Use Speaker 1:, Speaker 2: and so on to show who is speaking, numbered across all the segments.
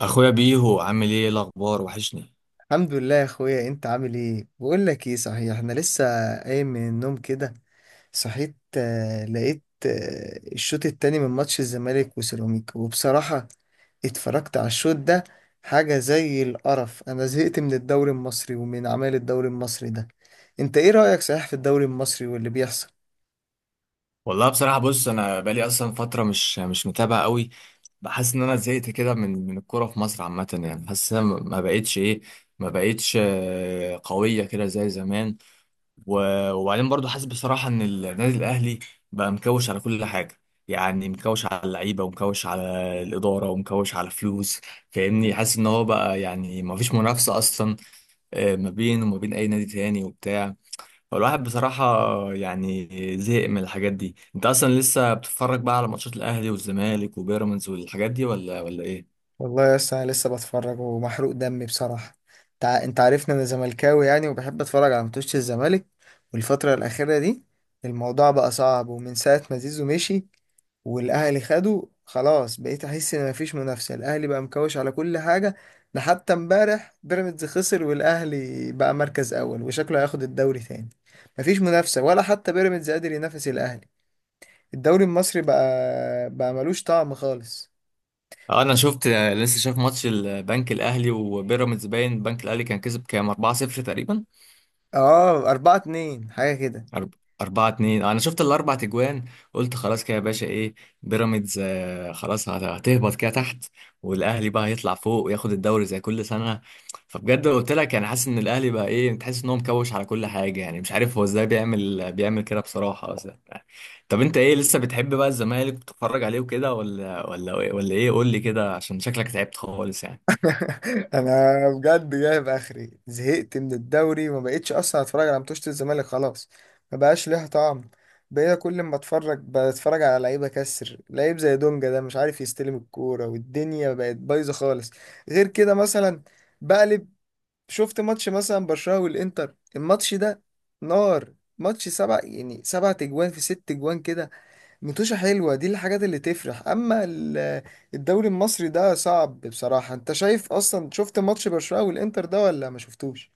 Speaker 1: اخويا بيهو عامل ايه الاخبار وحشني.
Speaker 2: الحمد لله يا اخويا. انت عامل ايه؟ بقول لك ايه صحيح، انا لسه قايم من النوم كده. صحيت لقيت الشوط التاني من ماتش الزمالك وسيراميكا، وبصراحة اتفرجت على الشوط ده حاجة زي القرف. انا زهقت من الدوري المصري ومن اعمال الدوري المصري ده. انت ايه رأيك صحيح في الدوري المصري واللي بيحصل؟
Speaker 1: والله بصراحه بص انا بقالي اصلا فتره مش متابع قوي. بحس ان انا زهقت كده من الكوره في مصر عامه، يعني حاسس إن أنا ما بقتش ايه ما بقتش آه، قويه كده زي زمان. وبعدين برضو حاسس بصراحه ان النادي الاهلي بقى مكوش على كل حاجه، يعني مكوش على اللعيبه ومكوش على الاداره ومكوش على فلوس. فاهمني، حاسس ان هو بقى يعني ما فيش منافسه اصلا ما بينه وما بين اي نادي تاني وبتاع. هو الواحد بصراحة يعني زهق من الحاجات دي. انت اصلا لسه بتتفرج بقى على ماتشات الاهلي والزمالك وبيراميدز والحاجات دي ولا ايه؟
Speaker 2: والله يا اسطى انا لسه بتفرج ومحروق دمي بصراحه. انت عارفني انا زملكاوي يعني، وبحب اتفرج على ماتشات الزمالك. والفتره الاخيره دي الموضوع بقى صعب، ومن ساعه ما زيزو مشي والاهلي خده خلاص بقيت احس ان مفيش منافسه. الاهلي بقى مكوش على كل حاجه. ده حتى امبارح بيراميدز خسر والاهلي بقى مركز اول وشكله هياخد الدوري تاني. مفيش منافسه، ولا حتى بيراميدز قادر ينافس الاهلي. الدوري المصري بقى ملوش طعم خالص.
Speaker 1: اه، انا شفت لسه، شايف ماتش البنك الاهلي وبيراميدز، باين البنك الاهلي كان كسب كام 4-0 تقريبا.
Speaker 2: اه، أربعة اتنين حاجة كده.
Speaker 1: أرب... أربعة اتنين، أنا شفت الأربع تجوان. قلت خلاص كده يا باشا، بيراميدز خلاص هتهبط كده تحت، والأهلي بقى هيطلع فوق وياخد الدوري زي كل سنة. فبجد قلت لك يعني حاسس إن الأهلي بقى، تحس إن هو مكوش على كل حاجة. يعني مش عارف هو إزاي بيعمل كده بصراحة أصلا. طب أنت إيه، لسه بتحب بقى الزمالك بتتفرج عليه وكده، ولا إيه قول لي كده، عشان شكلك تعبت خالص يعني؟
Speaker 2: انا بجد جايب اخري، زهقت من الدوري وما بقتش اصلا اتفرج على ماتشات الزمالك خلاص. ما بقاش ليها طعم. بقيت كل ما اتفرج بتفرج على لعيبه كسر، لعيب زي دونجا ده مش عارف يستلم الكوره والدنيا بقت بايظه خالص. غير كده مثلا بقلب، شفت ماتش مثلا برشلونه والانتر. الماتش ده نار، ماتش سبع، يعني سبع تجوان في ست تجوان كده. متوشة حلوة، دي الحاجات اللي تفرح. أما الدوري المصري ده صعب بصراحة. أنت شايف أصلا، شفت ماتش برشلونة والإنتر ده ولا ما شفتوش؟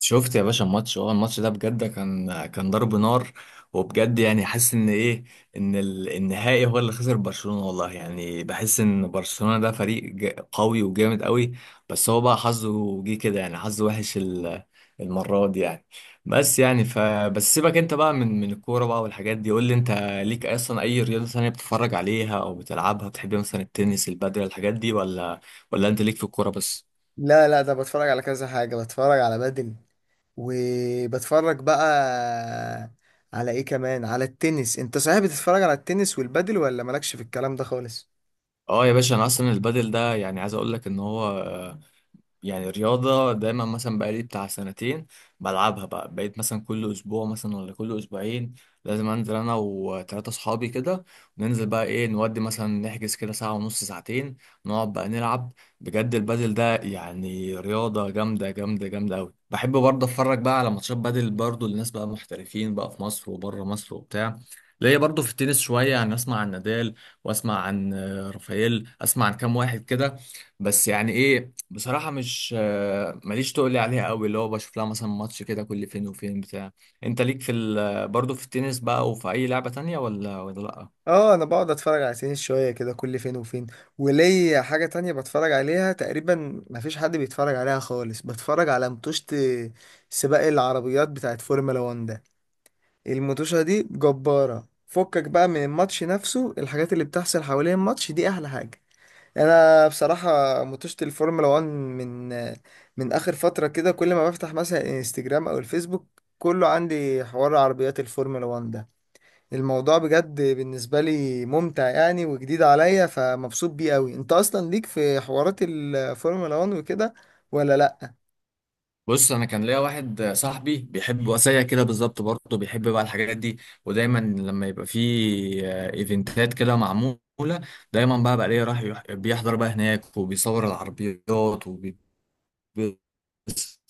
Speaker 1: شفت يا باشا الماتش ده بجد كان ضرب نار. وبجد يعني حاسس ان النهائي هو اللي خسر برشلونة. والله يعني بحس ان برشلونة ده فريق قوي وجامد قوي. بس هو بقى حظه جه كده، يعني حظه وحش المرة دي يعني. بس يعني بس سيبك انت بقى من الكورة بقى والحاجات دي. قول لي انت ليك اصلا اي رياضة ثانية بتتفرج عليها او بتلعبها، بتحب مثلا التنس، البادل، الحاجات دي، ولا انت ليك في الكورة بس؟
Speaker 2: لا لا، ده بتفرج على كذا حاجة، بتفرج على بدل، وبتفرج بقى على إيه كمان، على التنس. أنت صحيح بتتفرج على التنس والبدل، ولا مالكش في الكلام ده خالص؟
Speaker 1: اه يا باشا، انا اصلا البادل ده يعني عايز اقول لك ان هو يعني رياضة، دايما مثلا بقالي بتاع سنتين بلعبها بقى. بقيت مثلا كل أسبوع مثلا ولا كل أسبوعين لازم أنزل أنا وتلاتة صحابي كده، ننزل بقى، نودي مثلا، نحجز كده ساعة ونص، ساعتين، نقعد بقى نلعب. بجد البادل ده يعني رياضة جامدة جامدة جامدة أوي. بحب برضه أتفرج بقى على ماتشات بادل برضه لناس بقى محترفين بقى في مصر وبره مصر وبتاع. ليا برضه في التنس شوية، يعني أسمع عن نادال، وأسمع عن رافائيل، أسمع عن كام واحد كده. بس يعني بصراحة مش ماليش تقول لي عليها قوي، اللي هو بشوف لها مثلا ماتش كده كل فين وفين بتاع. انت ليك في برضه في التنس بقى، وفي اي لعبة تانية، ولا لا؟
Speaker 2: اه، انا بقعد اتفرج على سنين شويه كده كل فين وفين. وليا حاجه تانية بتفرج عليها تقريبا مفيش حد بيتفرج عليها خالص، بتفرج على متوشة سباق العربيات بتاعت فورمولا 1 ده. المتوشة دي جبارة، فكك بقى من الماتش نفسه، الحاجات اللي بتحصل حوالين الماتش دي احلى حاجه. انا بصراحه متوشة الفورمولا 1 من اخر فتره كده، كل ما بفتح مثلا انستجرام او الفيسبوك كله عندي حوار عربيات الفورمولا 1. الموضوع بجد بالنسبة لي ممتع يعني وجديد عليا، فمبسوط بيه قوي. انت اصلا ليك في حوارات الفورمولا 1 وكده، ولا لا؟
Speaker 1: بص انا كان ليا واحد صاحبي بيحب وسيا كده بالظبط، برضه بيحب بقى الحاجات دي. ودايما لما يبقى في ايفنتات كده معمولة، دايما بقى ليه راح بيحضر بقى هناك وبيصور العربيات وبيبص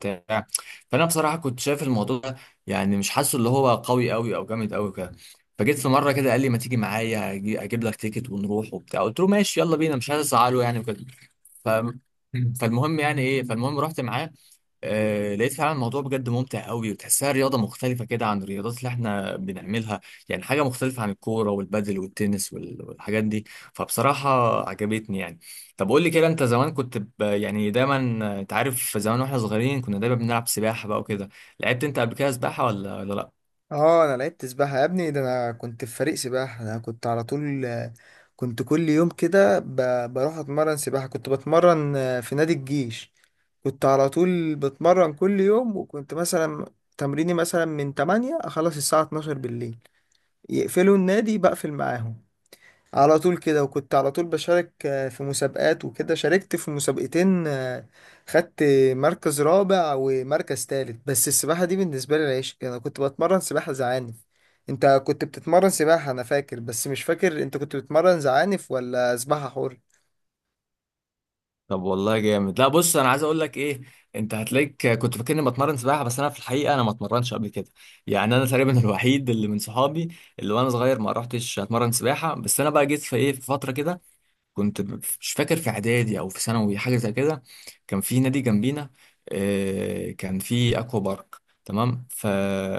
Speaker 1: بتاع فانا بصراحه كنت شايف الموضوع ده يعني مش حاسه اللي هو قوي قوي او جامد قوي كده. فجيت في مره كده قال لي ما تيجي معايا، اجيب لك تيكت ونروح وبتاع. قلت له ماشي يلا بينا، مش عايز ازعله يعني وكده. ف... فالمهم يعني ايه فالمهم رحت معاه. لقيت فعلا الموضوع بجد ممتع قوي، وتحسها رياضة مختلفة كده عن الرياضات اللي احنا بنعملها. يعني حاجة مختلفة عن الكورة والبادل والتنس والحاجات دي. فبصراحة عجبتني يعني. طب قول لي كده، انت زمان كنت يعني دايما، انت عارف زمان واحنا صغيرين كنا دايما بنلعب سباحة بقى وكده، لعبت انت قبل كده سباحة ولا لا؟
Speaker 2: اه، انا لعبت سباحة يا ابني. ده انا كنت في فريق سباحة، انا كنت على طول، كنت كل يوم كده بروح اتمرن سباحة. كنت بتمرن في نادي الجيش، كنت على طول بتمرن كل يوم. وكنت مثلا تمريني مثلا من 8 اخلص الساعة 12 بالليل، يقفلوا النادي بقفل معاهم. على طول كده، وكنت على طول بشارك في مسابقات وكده. شاركت في مسابقتين، خدت مركز رابع ومركز تالت. بس السباحة دي بالنسبة لي العيش، أنا كنت بتمرن سباحة زعانف. أنت كنت بتتمرن سباحة أنا فاكر، بس مش فاكر أنت كنت بتتمرن زعانف ولا سباحة حر؟
Speaker 1: طب والله جامد. لا بص، انا عايز اقول لك انت هتلاقيك كنت فاكرني بتمرن سباحه، بس انا في الحقيقه انا ما اتمرنش قبل كده. يعني انا تقريبا الوحيد اللي من صحابي اللي وانا صغير ما رحتش اتمرن سباحه. بس انا بقى جيت في ايه في فتره كده، كنت مش فاكر في اعدادي او في ثانوي حاجه زي كده. كان في نادي جنبينا كان في اكوا بارك، تمام.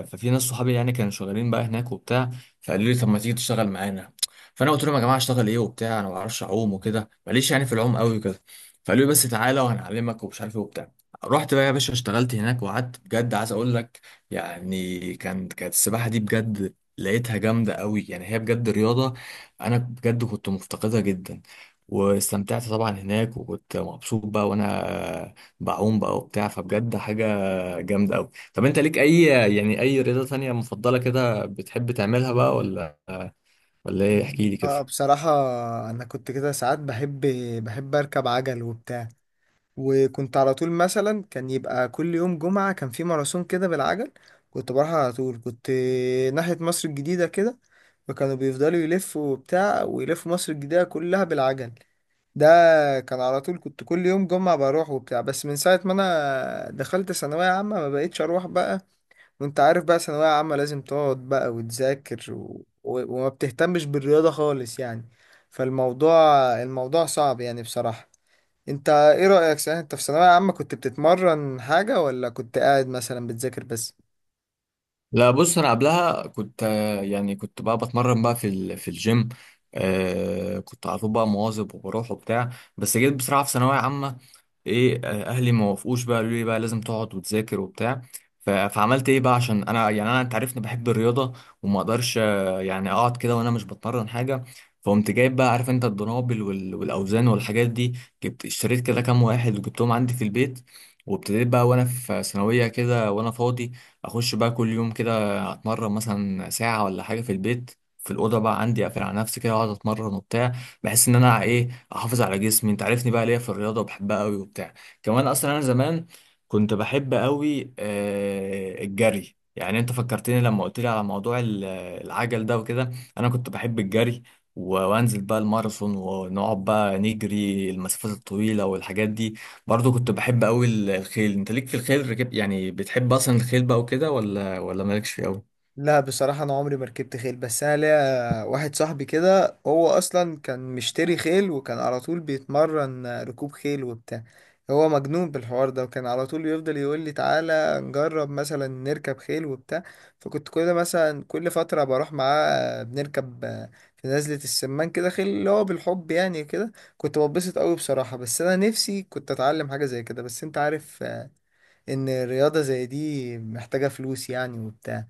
Speaker 1: ففي ناس صحابي يعني كانوا شغالين بقى هناك وبتاع، فقالوا لي طب ما تيجي تشتغل معانا. فانا قلت لهم يا جماعه اشتغل ايه وبتاع، انا ما بعرفش اعوم وكده، ماليش يعني في العوم قوي وكده. فقالوا لي بس تعالى وهنعلمك ومش عارف ايه وبتاع. رحت بقى يا باشا اشتغلت هناك وقعدت، بجد عايز اقول لك يعني كانت السباحه دي، بجد لقيتها جامده قوي، يعني هي بجد رياضه. انا بجد كنت مفتقدها جدا، واستمتعت طبعا هناك، وكنت مبسوط بقى وانا بعوم بقى وبتاع. فبجد حاجة جامدة قوي. طب انت ليك اي رياضة تانية مفضلة كده بتحب تعملها بقى، ولا ايه احكي لي كده؟
Speaker 2: اه بصراحة، أنا كنت كده ساعات بحب، أركب عجل وبتاع. وكنت على طول مثلا كان يبقى كل يوم جمعة كان في ماراثون كده بالعجل. كنت بروح على طول، كنت ناحية مصر الجديدة كده، فكانوا بيفضلوا يلفوا وبتاع ويلفوا مصر الجديدة كلها بالعجل ده. كان على طول كنت كل يوم جمعة بروح وبتاع، بس من ساعة ما أنا دخلت ثانوية عامة ما بقيتش أروح بقى. وأنت عارف بقى ثانوية عامة لازم تقعد بقى وتذاكر وما بتهتمش بالرياضة خالص يعني. فالموضوع صعب يعني بصراحة. أنت إيه رأيك صحيح، أنت في ثانوية عامة كنت بتتمرن حاجة ولا كنت قاعد مثلا بتذاكر بس؟
Speaker 1: لا بص، انا قبلها كنت يعني كنت بقى بتمرن بقى في الجيم. كنت على طول بقى مواظب وبروح وبتاع. بس جيت بصراحه في ثانويه عامه، ايه آه، اهلي ما وافقوش بقى، قالوا لي بقى لازم تقعد وتذاكر وبتاع. فعملت ايه بقى، عشان انا انت عارفني بحب الرياضه، وما اقدرش يعني اقعد كده وانا مش بتمرن حاجه. فقمت جايب بقى، عارف انت الدنابل والاوزان والحاجات دي، جبت اشتريت كده كام واحد وجبتهم عندي في البيت. وابتديت بقى وانا في ثانويه كده وانا فاضي، اخش بقى كل يوم كده اتمرن مثلا ساعه ولا حاجه في البيت، في الاوضه بقى عندي، اقفل على نفسي كده واقعد اتمرن وبتاع. بحس ان انا احافظ على جسمي، انت عارفني بقى ليا في الرياضه وبحبها قوي وبتاع. كمان اصلا انا زمان كنت بحب قوي الجري. يعني انت فكرتني لما قلت لي على موضوع العجل ده وكده. انا كنت بحب الجري، وانزل بقى الماراثون، ونقعد بقى نجري المسافات الطويله والحاجات دي. برضه كنت بحب قوي الخيل. انت ليك في الخيل ركب؟ يعني بتحب اصلا الخيل بقى وكده ولا مالكش فيه قوي؟
Speaker 2: لا بصراحة، أنا عمري ما ركبت خيل، بس أنا ليا واحد صاحبي كده هو أصلا كان مشتري خيل وكان على طول بيتمرن ركوب خيل وبتاع. هو مجنون بالحوار ده، وكان على طول يفضل يقول لي تعالى نجرب مثلا نركب خيل وبتاع. فكنت كل مثلا كل فترة بروح معاه بنركب في نزلة السمان كده خيل، اللي هو بالحب يعني كده، كنت بتبسط قوي بصراحة. بس أنا نفسي كنت أتعلم حاجة زي كده، بس أنت عارف إن رياضة زي دي محتاجة فلوس يعني وبتاع.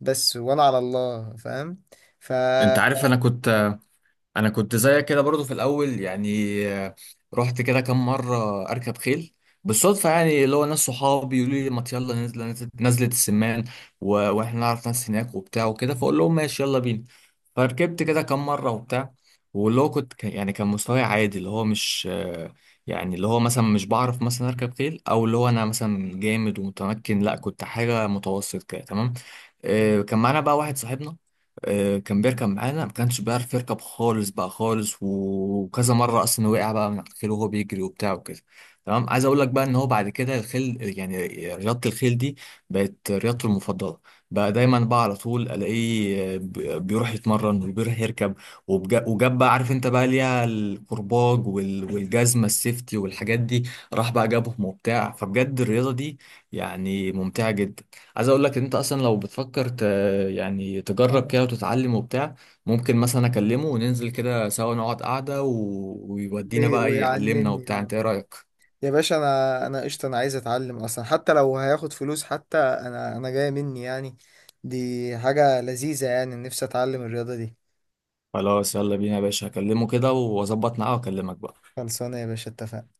Speaker 2: بس وانا على الله فاهم. ف ف-
Speaker 1: انت عارف، انا كنت زيك كده برضو في الاول، يعني رحت كده كام مره اركب خيل بالصدفه، يعني اللي هو ناس صحابي يقولوا لي ما يلا نزل، نزلت السمان واحنا نعرف ناس هناك وبتاع وكده، فاقول لهم ماشي يلا بينا. فركبت كده كام مره وبتاع، واللي هو كنت يعني كان مستواي عادي، اللي هو مش يعني اللي هو مثلا مش بعرف مثلا اركب خيل، او اللي هو انا مثلا جامد ومتمكن، لا، كنت حاجه متوسط كده تمام. كان معانا بقى واحد صاحبنا كان بيركب معانا، ما كانش بيعرف يركب خالص بقى خالص، وكذا مره اصلا وقع بقى من على الخيل وهو بيجري وبتاع وكده. تمام، عايز اقول لك بقى ان هو بعد كده الخيل يعني، رياضه الخيل دي بقت رياضته المفضله بقى. دايما بقى على طول الاقيه بيروح يتمرن وبيروح يركب، وجاب بقى، عارف انت بقى ليها الكرباج والجزمه السيفتي والحاجات دي، راح بقى جابهم وبتاع. فبجد الرياضه دي يعني ممتعه جدا. عايز اقول لك ان انت اصلا لو بتفكر يعني تجرب كده
Speaker 2: آه،
Speaker 1: وتتعلم وبتاع، ممكن مثلا اكلمه وننزل كده سوا نقعد قعدة، ويودينا بقى يعلمنا
Speaker 2: ويعلمني
Speaker 1: وبتاع،
Speaker 2: اه.
Speaker 1: انت ايه رأيك؟
Speaker 2: يا باشا، انا قشطه، انا عايز اتعلم اصلا حتى لو هياخد فلوس، حتى انا جايه مني يعني. دي حاجه لذيذه يعني، نفسي اتعلم الرياضه دي.
Speaker 1: خلاص يلا بينا يا باشا، هكلمه كده واظبط معاه واكلمك بقى.
Speaker 2: خلصانه يا باشا، اتفقنا.